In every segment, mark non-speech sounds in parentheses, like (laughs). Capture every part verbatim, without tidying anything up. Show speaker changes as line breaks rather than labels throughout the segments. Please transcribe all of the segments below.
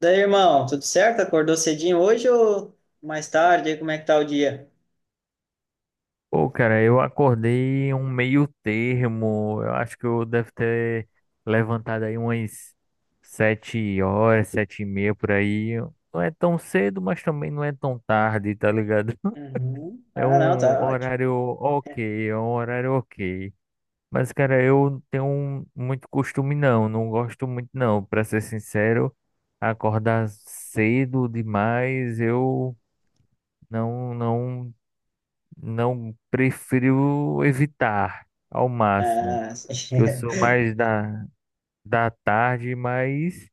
Daí, irmão, tudo certo? Acordou cedinho hoje ou mais tarde? E como é que tá o dia?
Pô, cara, eu acordei um meio termo. Eu acho que eu devo ter levantado aí umas sete horas, sete e meia por aí. Não é tão cedo, mas também não é tão tarde, tá ligado? (laughs)
Uhum.
É
Ah, não,
um
tá ótimo.
horário ok, é um horário ok. Mas, cara, eu não tenho um- muito costume não, não gosto muito não. Pra ser sincero, acordar cedo demais, eu não, não. Não prefiro evitar ao máximo,
Ah, (laughs)
que eu
sim.
sou mais da, da tarde, mas,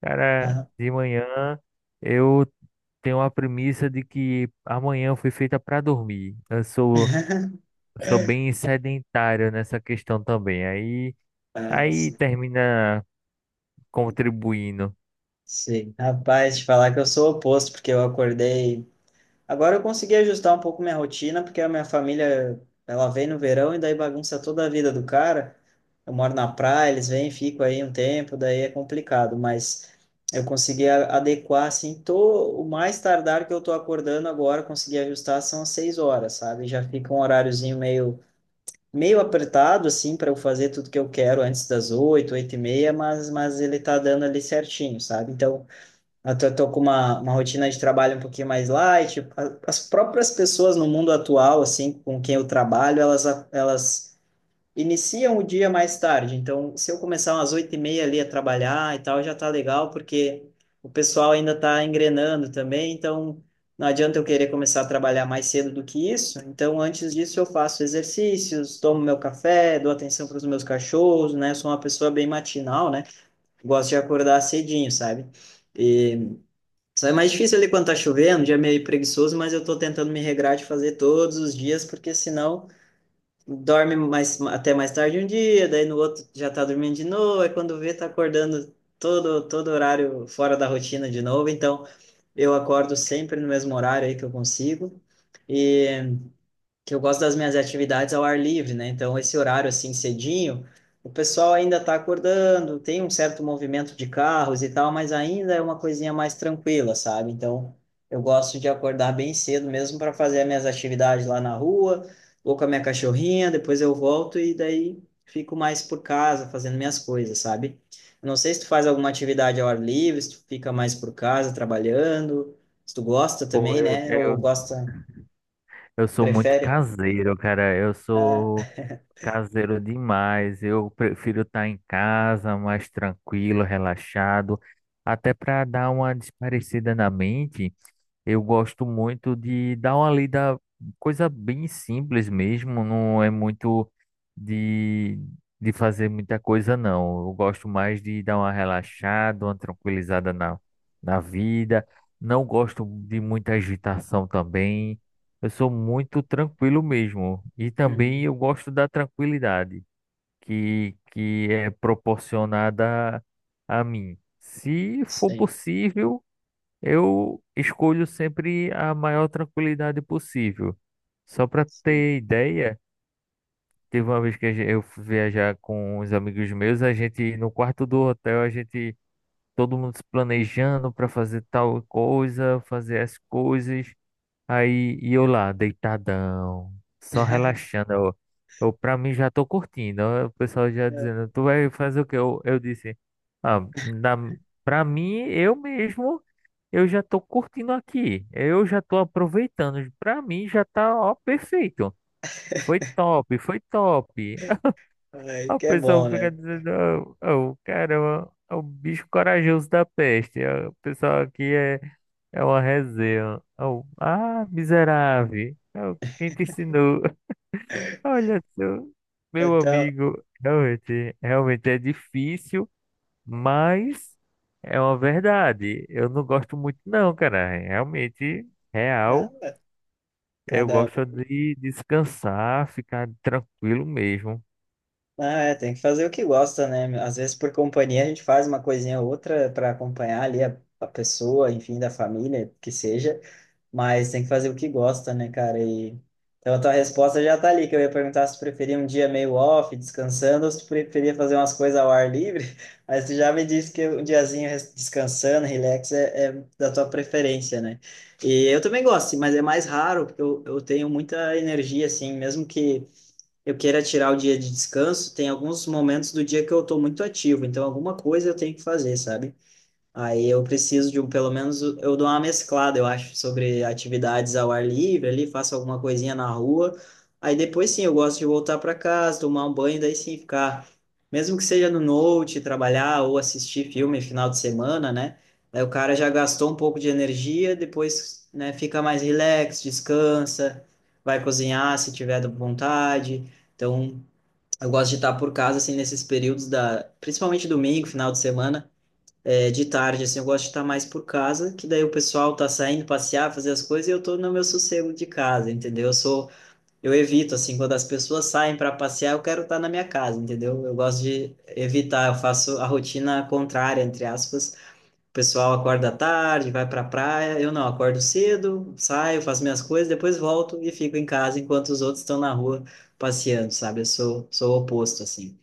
cara,
Ah,
de manhã eu tenho a premissa de que amanhã foi feita para dormir. Eu sou, eu sou bem sedentário nessa questão também. Aí,
ah,
aí
sim.
termina contribuindo.
Sim. Rapaz, te falar que eu sou o oposto, porque eu acordei. Agora eu consegui ajustar um pouco minha rotina, porque a minha família, ela vem no verão e daí bagunça toda a vida do cara. Eu moro na praia, eles vêm, ficam aí um tempo, daí é complicado, mas eu consegui a- adequar, assim, tô, o mais tardar que eu tô acordando agora, consegui ajustar, são as seis horas, sabe? Já fica um horáriozinho meio, meio apertado, assim, para eu fazer tudo que eu quero antes das oito, oito e meia, mas, mas ele tá dando ali certinho, sabe? Então, até tô tô com uma, uma rotina de trabalho um pouquinho mais light. A- As próprias pessoas no mundo atual, assim, com quem eu trabalho, elas, a- elas iniciam o dia mais tarde. Então, se eu começar umas oito e meia ali a trabalhar e tal, já tá legal, porque o pessoal ainda tá engrenando também. Então, não adianta eu querer começar a trabalhar mais cedo do que isso. Então, antes disso, eu faço exercícios, tomo meu café, dou atenção para os meus cachorros, né? Sou uma pessoa bem matinal, né? Gosto de acordar cedinho, sabe? E só é mais difícil ali quando tá chovendo, um dia meio preguiçoso, mas eu tô tentando me regrar de fazer todos os dias, porque senão dorme mais, até mais tarde um dia, daí no outro já tá dormindo de novo, aí quando vê tá acordando todo, todo horário fora da rotina de novo, então eu acordo sempre no mesmo horário aí que eu consigo, e que eu gosto das minhas atividades ao ar livre, né? Então, esse horário assim cedinho, o pessoal ainda está acordando, tem um certo movimento de carros e tal, mas ainda é uma coisinha mais tranquila, sabe? Então, eu gosto de acordar bem cedo mesmo para fazer as minhas atividades lá na rua, vou com a minha cachorrinha, depois eu volto e daí fico mais por casa fazendo minhas coisas, sabe? Eu não sei se tu faz alguma atividade ao ar livre, se tu fica mais por casa trabalhando, se tu gosta
Pô,
também,
eu,
né? Ou
eu,
gosta,
eu sou muito
prefere?
caseiro, cara. Eu
É.
sou. Caseiro demais. Eu prefiro estar em casa, mais tranquilo, relaxado, até para dar uma desaparecida na mente. Eu gosto muito de dar uma lida, coisa bem simples mesmo, não é muito de, de fazer muita coisa, não. Eu gosto mais de dar uma relaxada, uma tranquilizada na, na vida. Não gosto de muita agitação também. Eu sou muito tranquilo mesmo. E também
Uhum.
eu gosto da tranquilidade que, que é proporcionada a mim, se for
Sim.
possível. Eu escolho sempre a maior tranquilidade possível. Só para
Sei.
ter ideia, teve uma vez que a gen- eu fui viajar com os amigos meus, a gente no quarto do hotel, a gente todo mundo se planejando para fazer tal coisa, fazer as coisas. Aí e eu lá, deitadão, só
(laughs)
relaxando. Eu, eu para mim já tô curtindo. Ó, o pessoal já dizendo, tu vai fazer o quê? Eu, eu disse, ah, na, pra mim, eu mesmo. Eu já tô curtindo aqui. Eu já tô aproveitando. Pra mim já tá, ó, perfeito. Foi top, foi top. (laughs)
Ai,
O
que é
pessoal
bom,
fica
né?
dizendo, "Ô, ô, caramba, é o bicho corajoso da peste. Ó, o pessoal aqui é, é uma resenha. Ô, ah, miserável. Ô, quem te ensinou?" (laughs) Olha só, meu
Então,
amigo. Realmente, realmente é difícil. Mas é uma verdade. Eu não gosto muito, não, cara. Realmente, real.
tá,
Eu
cada...
gosto de descansar, ficar tranquilo mesmo.
Ah, é, tem que fazer o que gosta, né? Às vezes por companhia a gente faz uma coisinha ou outra para acompanhar ali a, a pessoa, enfim, da família, que seja, mas tem que fazer o que gosta, né, cara? E então a tua resposta já tá ali, que eu ia perguntar se tu preferia um dia meio off, descansando, ou se tu preferia fazer umas coisas ao ar livre, (laughs) mas tu já me disse que um diazinho res- descansando, relax, é, é da tua preferência, né? E eu também gosto, mas é mais raro, porque eu, eu tenho muita energia, assim, mesmo que eu queira tirar o dia de descanso, tem alguns momentos do dia que eu estou muito ativo, então alguma coisa eu tenho que fazer, sabe? Aí eu preciso de um, pelo menos eu dou uma mesclada, eu acho, sobre atividades ao ar livre ali, faço alguma coisinha na rua. Aí depois sim, eu gosto de voltar para casa, tomar um banho, daí sim ficar, mesmo que seja no note, trabalhar ou assistir filme final de semana, né? Aí o cara já gastou um pouco de energia, depois, né, fica mais relax, descansa, vai cozinhar se tiver vontade. Então, eu gosto de estar por casa assim nesses períodos da, principalmente domingo, final de semana é de tarde, assim, eu gosto de estar mais por casa, que daí o pessoal tá saindo passear, fazer as coisas e eu tô no meu sossego de casa, entendeu? Eu sou, eu evito, assim, quando as pessoas saem para passear, eu quero estar na minha casa, entendeu? Eu gosto de evitar, eu faço a rotina contrária, entre aspas. O pessoal acorda tarde, vai pra praia, eu não, acordo cedo, saio, faço minhas coisas, depois volto e fico em casa enquanto os outros estão na rua passeando, sabe? Eu sou, sou o oposto, assim.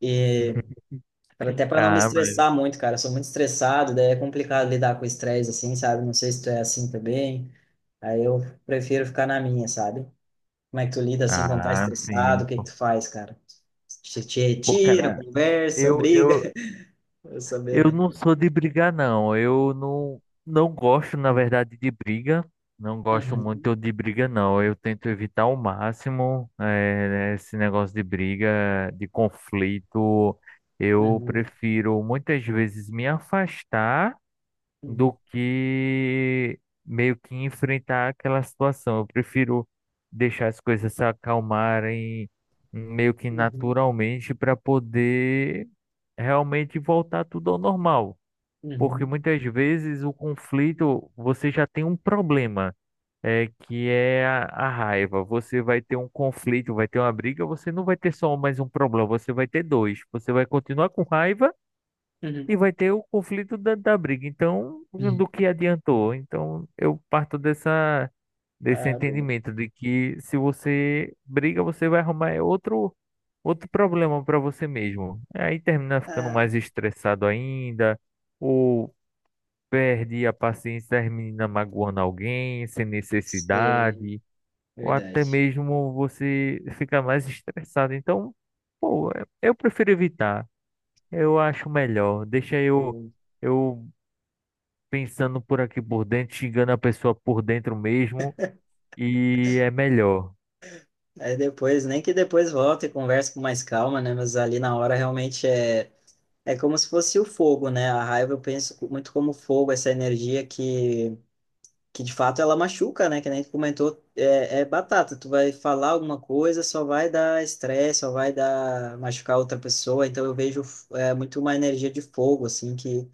E...
(laughs)
Cara, até pra não me
Ah, mas.
estressar muito, cara. Eu sou muito estressado, daí é complicado lidar com estresse assim, sabe? Não sei se tu é assim também. Aí eu prefiro ficar na minha, sabe? Como é que tu lida assim quando tá
Ah,
estressado?
sim.
O que que tu faz, cara? Te, te
Pô,
retira,
cara,
conversa,
eu,
briga.
eu,
(laughs) Eu saber,
eu
né?
não sou de brigar, não. Eu não, não gosto, na verdade, de briga. Não gosto
Uhum,
muito de briga, não. Eu tento evitar ao máximo, eh, esse negócio de briga, de conflito. Eu
uhum,
prefiro muitas vezes me afastar do
uhum,
que meio que enfrentar aquela situação. Eu prefiro deixar as coisas se acalmarem meio que
uhum,
naturalmente para poder realmente voltar tudo ao normal. Porque
uhum,
muitas vezes o conflito, você já tem um problema, é, que é a, a raiva. Você vai ter um conflito, vai ter uma briga, você não vai ter só um, mais um problema, você vai ter dois. Você vai continuar com raiva e
uhum,
vai ter o conflito da, da briga. Então,
uhum.
do que adiantou? Então, eu parto dessa, desse
Ah, boa.
entendimento de que se você briga, você vai arrumar outro, outro problema para você mesmo. Aí termina ficando
Ah,
mais estressado ainda. Ou perde a paciência das meninas magoando alguém sem
sei.
necessidade, ou até
Verdade.
mesmo você fica mais estressado. Então, pô, é- eu prefiro evitar. Eu acho melhor. Deixa eu,
Bom...
eu pensando por aqui por dentro, xingando a pessoa por dentro mesmo, e é melhor.
Aí depois, nem que depois volte e converse com mais calma, né? Mas ali na hora realmente é. É como se fosse o fogo, né? A raiva eu penso muito como fogo, essa energia que, que de fato ela machuca, né? Que nem tu comentou, é, é batata. Tu vai falar alguma coisa, só vai dar estresse, só vai dar machucar outra pessoa. Então eu vejo é, muito uma energia de fogo, assim, que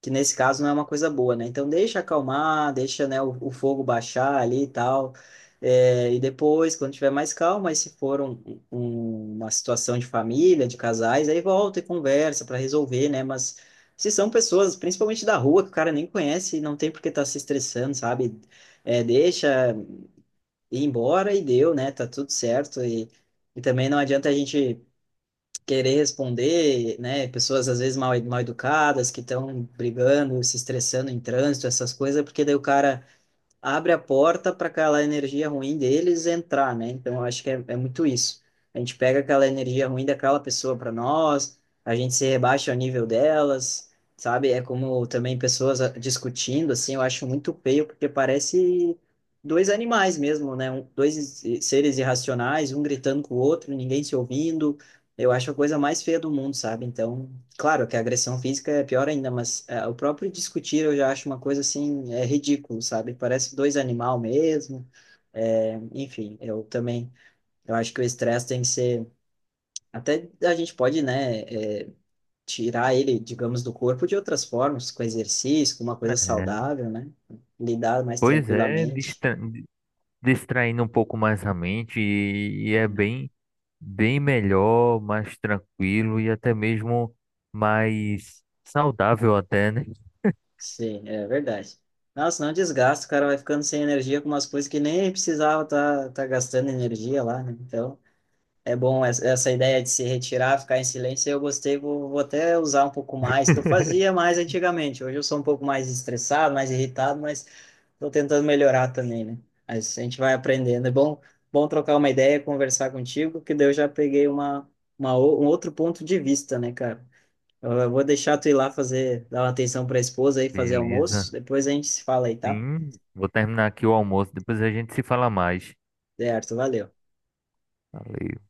que nesse caso não é uma coisa boa, né? Então deixa acalmar, deixa, né, o, o fogo baixar ali e tal. É, e depois, quando tiver mais calma, aí se for um- um- uma situação de família, de casais, aí volta e conversa para resolver, né? Mas se são pessoas, principalmente da rua, que o cara nem conhece, não tem por que estar se estressando, sabe? É, deixa ir embora e deu, né? Tá tudo certo. E, e também não adianta a gente querer responder, né? Pessoas às vezes mal, mal educadas que estão brigando, se estressando em trânsito, essas coisas, porque daí o cara abre a porta para aquela energia ruim deles entrar, né? Então, eu acho que é, é muito isso. A gente pega aquela energia ruim daquela pessoa para nós, a gente se rebaixa ao nível delas, sabe? É como também pessoas ah, discutindo, assim, eu acho muito feio, porque parece dois animais mesmo, né? Um, dois i- seres irracionais, um gritando com o outro, ninguém se ouvindo. Eu acho a coisa mais feia do mundo, sabe? Então, claro que a agressão física é pior ainda, mas é, o próprio discutir eu já acho uma coisa assim, é ridículo, sabe? Parece dois animal mesmo. É, enfim, eu também, eu acho que o estresse tem que ser, até a gente pode, né, é, tirar ele, digamos, do corpo de outras formas, com exercício, com uma coisa
É,
saudável, né? Lidar mais
pois é,
tranquilamente.
distra- distraindo um pouco mais a mente, e e é bem, bem melhor, mais tranquilo e até mesmo mais saudável até, né?
Sim, é verdade. Nossa, não desgasta, o cara vai ficando sem energia com umas coisas que nem precisava tá, tá gastando energia lá, né? Então, é bom essa essa ideia de se retirar, ficar em silêncio. Eu gostei, vou, vou até usar um pouco mais, que eu
(laughs)
fazia mais antigamente. Hoje eu sou um pouco mais estressado, mais irritado, mas estou tentando melhorar também, né? Mas a gente vai aprendendo. É bom, bom trocar uma ideia, conversar contigo, que daí eu já peguei uma, uma, o- um outro ponto de vista, né, cara? Eu, eu vou deixar tu ir lá fazer, dar uma atenção para a esposa aí, fazer
Beleza.
almoço. Depois a gente se fala aí, tá?
Sim, vou terminar aqui o almoço, depois a gente se fala mais.
Certo, valeu.
Valeu.